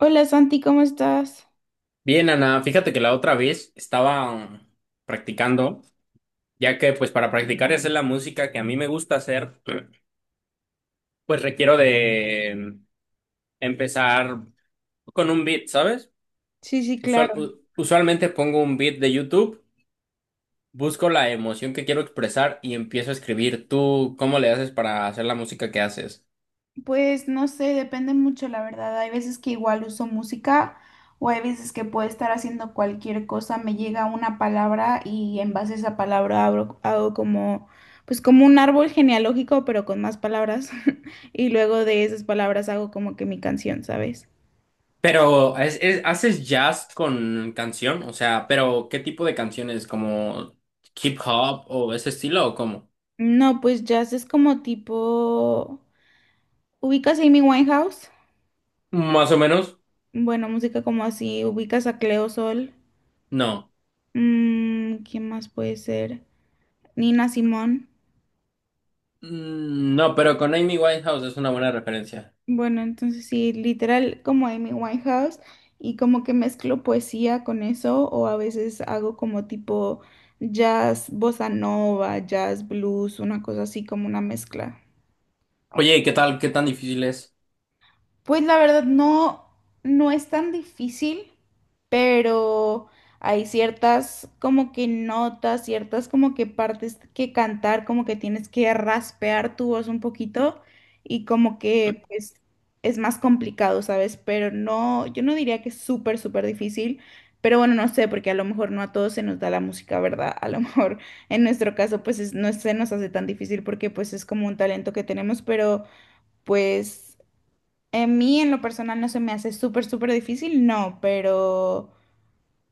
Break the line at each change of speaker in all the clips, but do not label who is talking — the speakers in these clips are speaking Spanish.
Hola Santi, ¿cómo estás?
Bien, Ana, fíjate que la otra vez estaba practicando, ya que pues para practicar y hacer la música que a mí me gusta hacer, pues requiero de mm, empezar con un beat, ¿sabes?
Sí, sí, claro.
Usualmente pongo un beat de YouTube, busco la emoción que quiero expresar y empiezo a escribir. ¿Tú cómo le haces para hacer la música que haces?
Pues no sé, depende mucho, la verdad. Hay veces que igual uso música o hay veces que puedo estar haciendo cualquier cosa, me llega una palabra y en base a esa palabra hago como, pues como un árbol genealógico, pero con más palabras. Y luego de esas palabras hago como que mi canción, ¿sabes?
Pero, ¿haces jazz con canción? O sea, pero ¿qué tipo de canciones? ¿Como hip hop o ese estilo o cómo?
No, pues jazz es como tipo, ¿ubicas a Amy Winehouse?
Más o menos.
Bueno, música como así, ¿ubicas a Cleo Sol?
No.
Mm, ¿quién más puede ser? Nina Simón.
Mm, no, pero con Amy Winehouse es una buena referencia.
Bueno, entonces sí, literal como Amy Winehouse y como que mezclo poesía con eso o a veces hago como tipo jazz, bossa nova, jazz, blues, una cosa así como una mezcla.
Oye, ¿qué tal? ¿Qué tan difícil es?
Pues la verdad no, no es tan difícil, pero hay ciertas como que notas, ciertas como que partes que cantar, como que tienes que raspear tu voz un poquito y como que pues es más complicado, ¿sabes? Pero no, yo no diría que es súper, súper difícil, pero bueno, no sé, porque a lo mejor no a todos se nos da la música, ¿verdad? A lo mejor en nuestro caso no se nos hace tan difícil porque pues es como un talento que tenemos, pero pues en mí en lo personal no se me hace súper, súper difícil, no, pero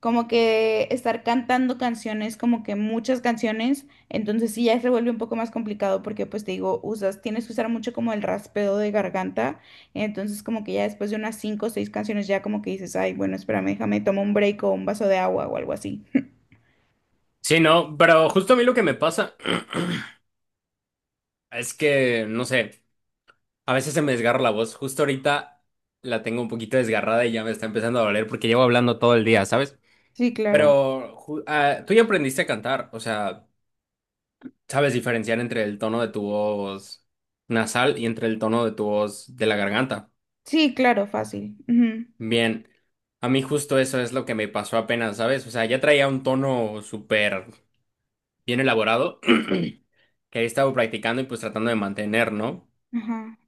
como que estar cantando canciones, como que muchas canciones, entonces sí ya se vuelve un poco más complicado porque pues te digo, usas, tienes que usar mucho como el raspeo de garganta, entonces como que ya después de unas cinco o seis canciones ya como que dices, ay, bueno, espérame, déjame, tomo un break o un vaso de agua o algo así.
Sí, no, pero justo a mí lo que me pasa es que, no sé, a veces se me desgarra la voz. Justo ahorita la tengo un poquito desgarrada y ya me está empezando a doler porque llevo hablando todo el día, ¿sabes?
Sí, claro.
Pero tú ya aprendiste a cantar, o sea, sabes diferenciar entre el tono de tu voz nasal y entre el tono de tu voz de la garganta.
Sí, claro, fácil. Ujú.
Bien, a mí justo eso es lo que me pasó apenas, ¿sabes? O sea, ya traía un tono súper bien elaborado que he estado practicando y pues tratando de mantener, ¿no?
Ajá.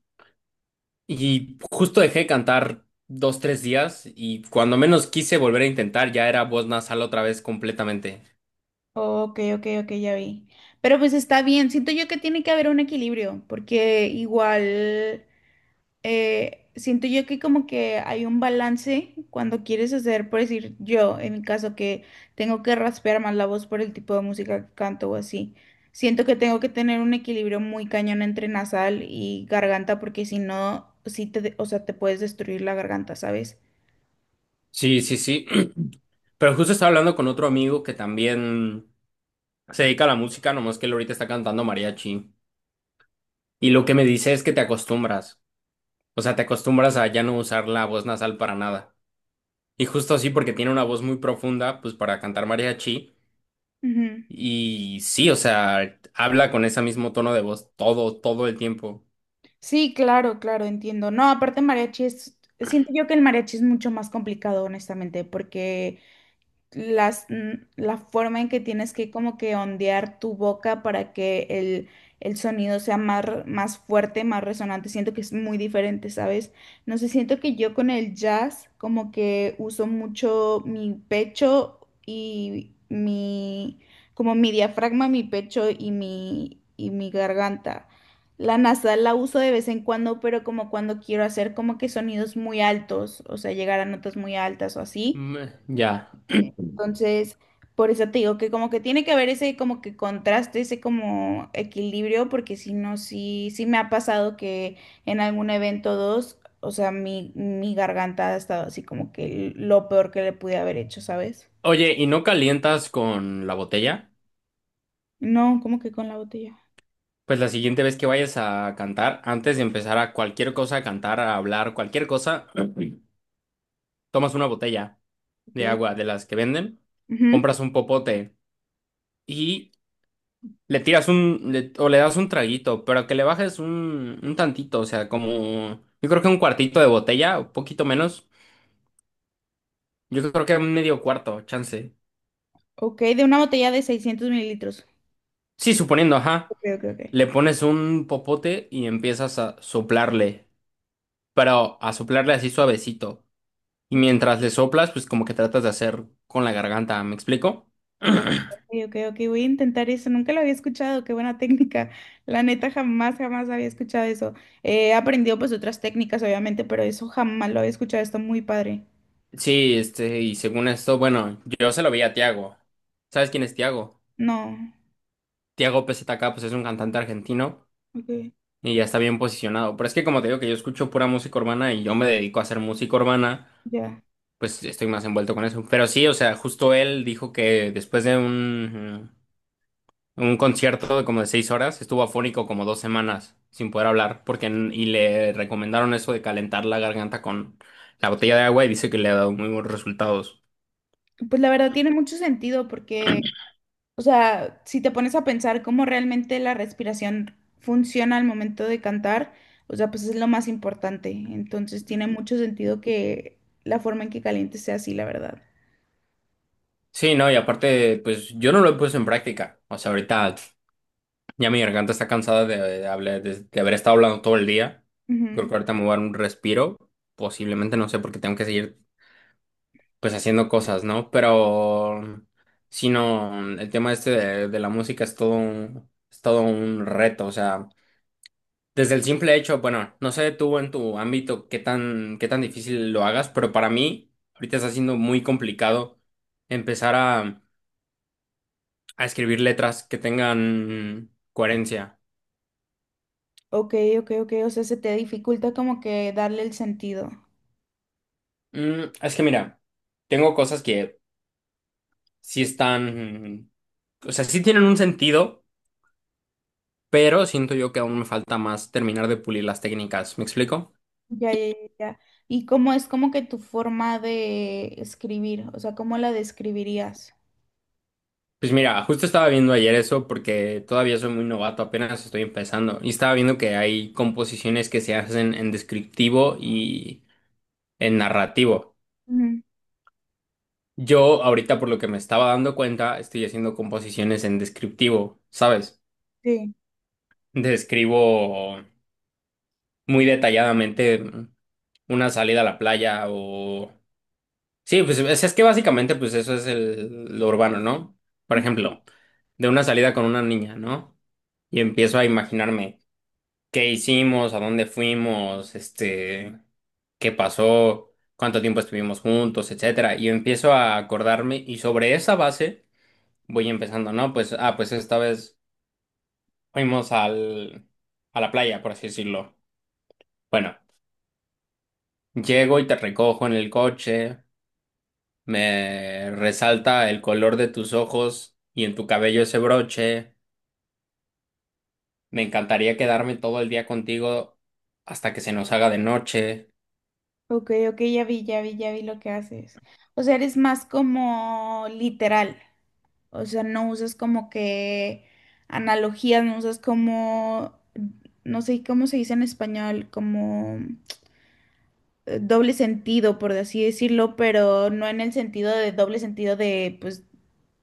Y justo dejé de cantar dos, tres días y cuando menos quise volver a intentar ya era voz nasal otra vez completamente.
Ok, ok, ok, ya vi. Pero pues está bien, siento yo que tiene que haber un equilibrio, porque igual siento yo que como que hay un balance cuando quieres hacer, por decir yo, en mi caso que tengo que raspear más la voz por el tipo de música que canto o así. Siento que tengo que tener un equilibrio muy cañón entre nasal y garganta, porque si no, sí te, o sea, te puedes destruir la garganta, ¿sabes?
Sí, sí, sí. Pero justo estaba hablando con otro amigo que también se dedica a la música, nomás que él ahorita está cantando mariachi. Y lo que me dice es que te acostumbras. O sea, te acostumbras a ya no usar la voz nasal para nada. Y justo así, porque tiene una voz muy profunda, pues para cantar mariachi.
Ujú.
Y sí, o sea, habla con ese mismo tono de voz todo, todo el tiempo.
Sí, claro, claro, entiendo. No, aparte mariachi es, siento yo que el mariachi es mucho más complicado, honestamente, porque las, la forma en que tienes que como que ondear tu boca para que el sonido sea más, más fuerte, más resonante. Siento que es muy diferente, ¿sabes? No sé, siento que yo con el jazz como que uso mucho mi pecho y mi, como mi diafragma, mi pecho y y mi garganta. La nasal la uso de vez en cuando, pero como cuando quiero hacer como que sonidos muy altos, o sea, llegar a notas muy altas o así.
Mm, ya.
Entonces, por eso te digo que como que tiene que haber ese como que contraste, ese como equilibrio, porque si no, sí, sí me ha pasado que en algún evento dos, o sea, mi garganta ha estado así como que lo peor que le pude haber hecho, ¿sabes?
Oye, ¿y no calientas con la botella?
No, como que con la botella.
Pues la siguiente vez que vayas a cantar, antes de empezar a cualquier cosa, a cantar, a hablar, cualquier cosa, tomas una botella de
Ok.
agua de las que venden,
Ujú.
compras un popote. Y le tiras un, le- o le das un traguito, pero que le bajes un tantito, o sea, como, yo creo que un cuartito de botella, un poquito menos, yo creo que un medio cuarto, chance.
Ok, de una botella de 600 ml.
Sí, suponiendo, ajá,
Ok, ok,
le pones un popote y empiezas a soplarle, pero a soplarle así suavecito. Y
ok.
mientras le soplas, pues como que tratas de hacer con la garganta, ¿me explico?
Ok, ok, ok, voy a intentar eso. Nunca lo había escuchado, qué buena técnica. La neta, jamás, jamás había escuchado eso. He aprendido pues otras técnicas, obviamente, pero eso jamás lo había escuchado. Está muy padre.
Sí, este, y según esto, bueno, yo se lo vi a Tiago. ¿Sabes quién es Tiago?
No,
Tiago PZK, pues es un cantante argentino
ok,
y ya está bien posicionado. Pero es que como te digo que yo escucho pura música urbana y yo me dedico a hacer música urbana,
ya.
pues estoy más envuelto con eso. Pero sí, o sea, justo él dijo que después de un concierto de como de 6 horas, estuvo afónico como 2 semanas sin poder hablar, y le recomendaron eso de calentar la garganta con la botella de agua y dice que le ha dado muy buenos resultados.
Pues la verdad tiene mucho sentido porque, o sea, si te pones a pensar cómo realmente la respiración funciona al momento de cantar, o sea, pues es lo más importante. Entonces tiene mucho sentido que la forma en que calientes sea así, la verdad.
Sí, no, y aparte, pues yo no lo he puesto en práctica. O sea, ahorita ya mi garganta está cansada de hablar, de haber estado hablando todo el día. Creo que ahorita me voy a dar un respiro. Posiblemente, no sé, porque tengo que seguir pues haciendo cosas, ¿no? Pero si no, el tema este de la música es todo un reto. O sea, desde el simple hecho, bueno, no sé tú en tu ámbito qué tan difícil lo hagas, pero para mí ahorita está siendo muy complicado empezar a escribir letras que tengan coherencia.
Ok, ok, ok. O sea, se te dificulta como que darle el sentido.
Mm, es que mira, tengo cosas que sí están, o sea, sí tienen un sentido, pero siento yo que aún me falta más terminar de pulir las técnicas. ¿Me explico?
Ya, ya, ya. ya. ¿Y cómo es como que tu forma de escribir? O sea, ¿cómo la describirías?
Pues mira, justo estaba viendo ayer eso porque todavía soy muy novato, apenas estoy empezando. Y estaba viendo que hay composiciones que se hacen en descriptivo y en narrativo.
Ujú.
Yo ahorita, por lo que me estaba dando cuenta, estoy haciendo composiciones en descriptivo, ¿sabes?
Sí.
Describo muy detalladamente una salida a la playa o... Sí, pues es que básicamente pues eso es el, lo urbano, ¿no? Por
Ujú.
ejemplo, de una salida con una niña, ¿no? Y empiezo a imaginarme qué hicimos, a dónde fuimos, este, qué pasó, cuánto tiempo estuvimos juntos, etcétera. Y empiezo a acordarme y sobre esa base voy empezando, ¿no? Pues, ah, pues esta vez fuimos al, a la playa, por así decirlo. Bueno. Llego y te recojo en el coche, me resalta el color de tus ojos y en tu cabello ese broche. Me encantaría quedarme todo el día contigo hasta que se nos haga de noche.
Ok, ok, ya vi, ya vi, ya vi lo que haces. O sea, eres más como literal. O sea, no usas como que analogías, no usas como, no sé cómo se dice en español, como... doble sentido, por así decirlo, pero no en el sentido de doble sentido de, pues,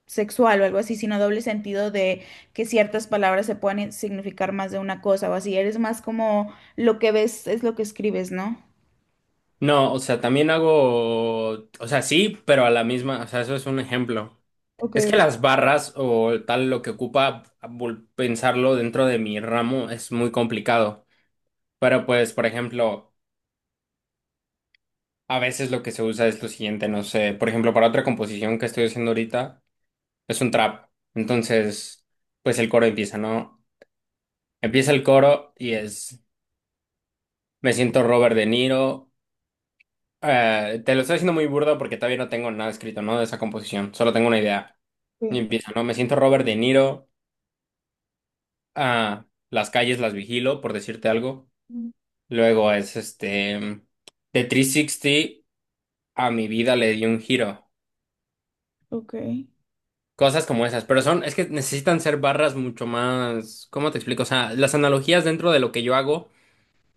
sexual o algo así, sino doble sentido de que ciertas palabras se pueden significar más de una cosa o así. Eres más como lo que ves es lo que escribes, ¿no?
No, o sea, también hago, o sea, sí, pero a la misma, o sea, eso es un ejemplo.
Ok,
Es que las barras o tal lo que ocupa pensarlo dentro de mi ramo es muy complicado. Pero pues, por ejemplo, a veces lo que se usa es lo siguiente, no sé, por ejemplo, para otra composición que estoy haciendo ahorita es un trap. Entonces, pues el coro empieza, ¿no? Empieza el coro y es, me siento Robert De Niro. Te lo estoy haciendo muy burdo porque todavía no tengo nada escrito, ¿no? De esa composición, solo tengo una idea. Y
ok.
empieza, ¿no? Me siento Robert De Niro. Ah, las calles las vigilo, por decirte algo.
Mm,
Luego es este, de 360 a mi vida le di un giro.
ok.
Cosas como esas, pero son, es que necesitan ser barras mucho más, ¿cómo te explico? O sea, las analogías dentro de lo que yo hago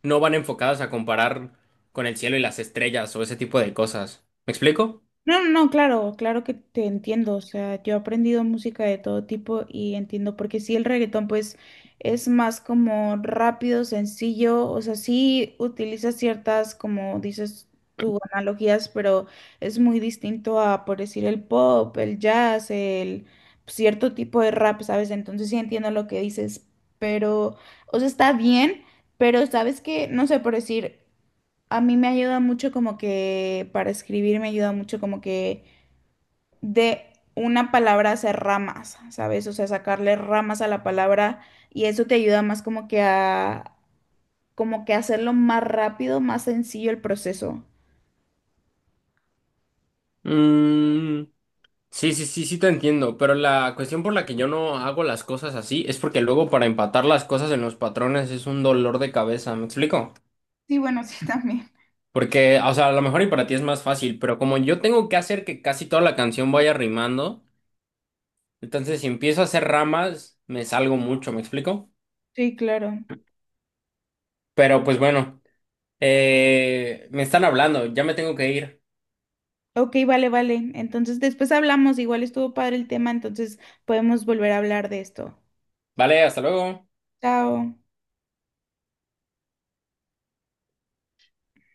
no van enfocadas a comparar con el cielo y las estrellas o ese tipo de cosas. ¿Me explico?
No, no, no, claro, claro que te entiendo. O sea, yo he aprendido música de todo tipo y entiendo porque sí, el reggaetón pues es más como rápido, sencillo, o sea, sí utiliza ciertas, como dices tú, analogías, pero es muy distinto a, por decir, el pop, el jazz, el cierto tipo de rap, ¿sabes? Entonces sí entiendo lo que dices, pero, o sea, está bien, pero sabes que, no sé, por decir... A mí me ayuda mucho como que para escribir me ayuda mucho como que de una palabra hacer ramas, ¿sabes? O sea, sacarle ramas a la palabra y eso te ayuda más como que a como que hacerlo más rápido, más sencillo el proceso.
Mm, sí, sí, sí, sí te entiendo, pero la cuestión por la que yo no hago las cosas así es porque luego para empatar las cosas en los patrones es un dolor de cabeza, ¿me explico?
Sí, bueno, sí, también.
Porque, o sea, a lo mejor y para ti es más fácil, pero como yo tengo que hacer que casi toda la canción vaya rimando, entonces si empiezo a hacer ramas, me salgo mucho, ¿me explico?
Sí, claro.
Pero pues bueno, me están hablando, ya me tengo que ir.
Ok, vale, vale. Entonces después hablamos, igual estuvo padre el tema, entonces podemos volver a hablar de esto.
Vale, hasta luego.
Chao.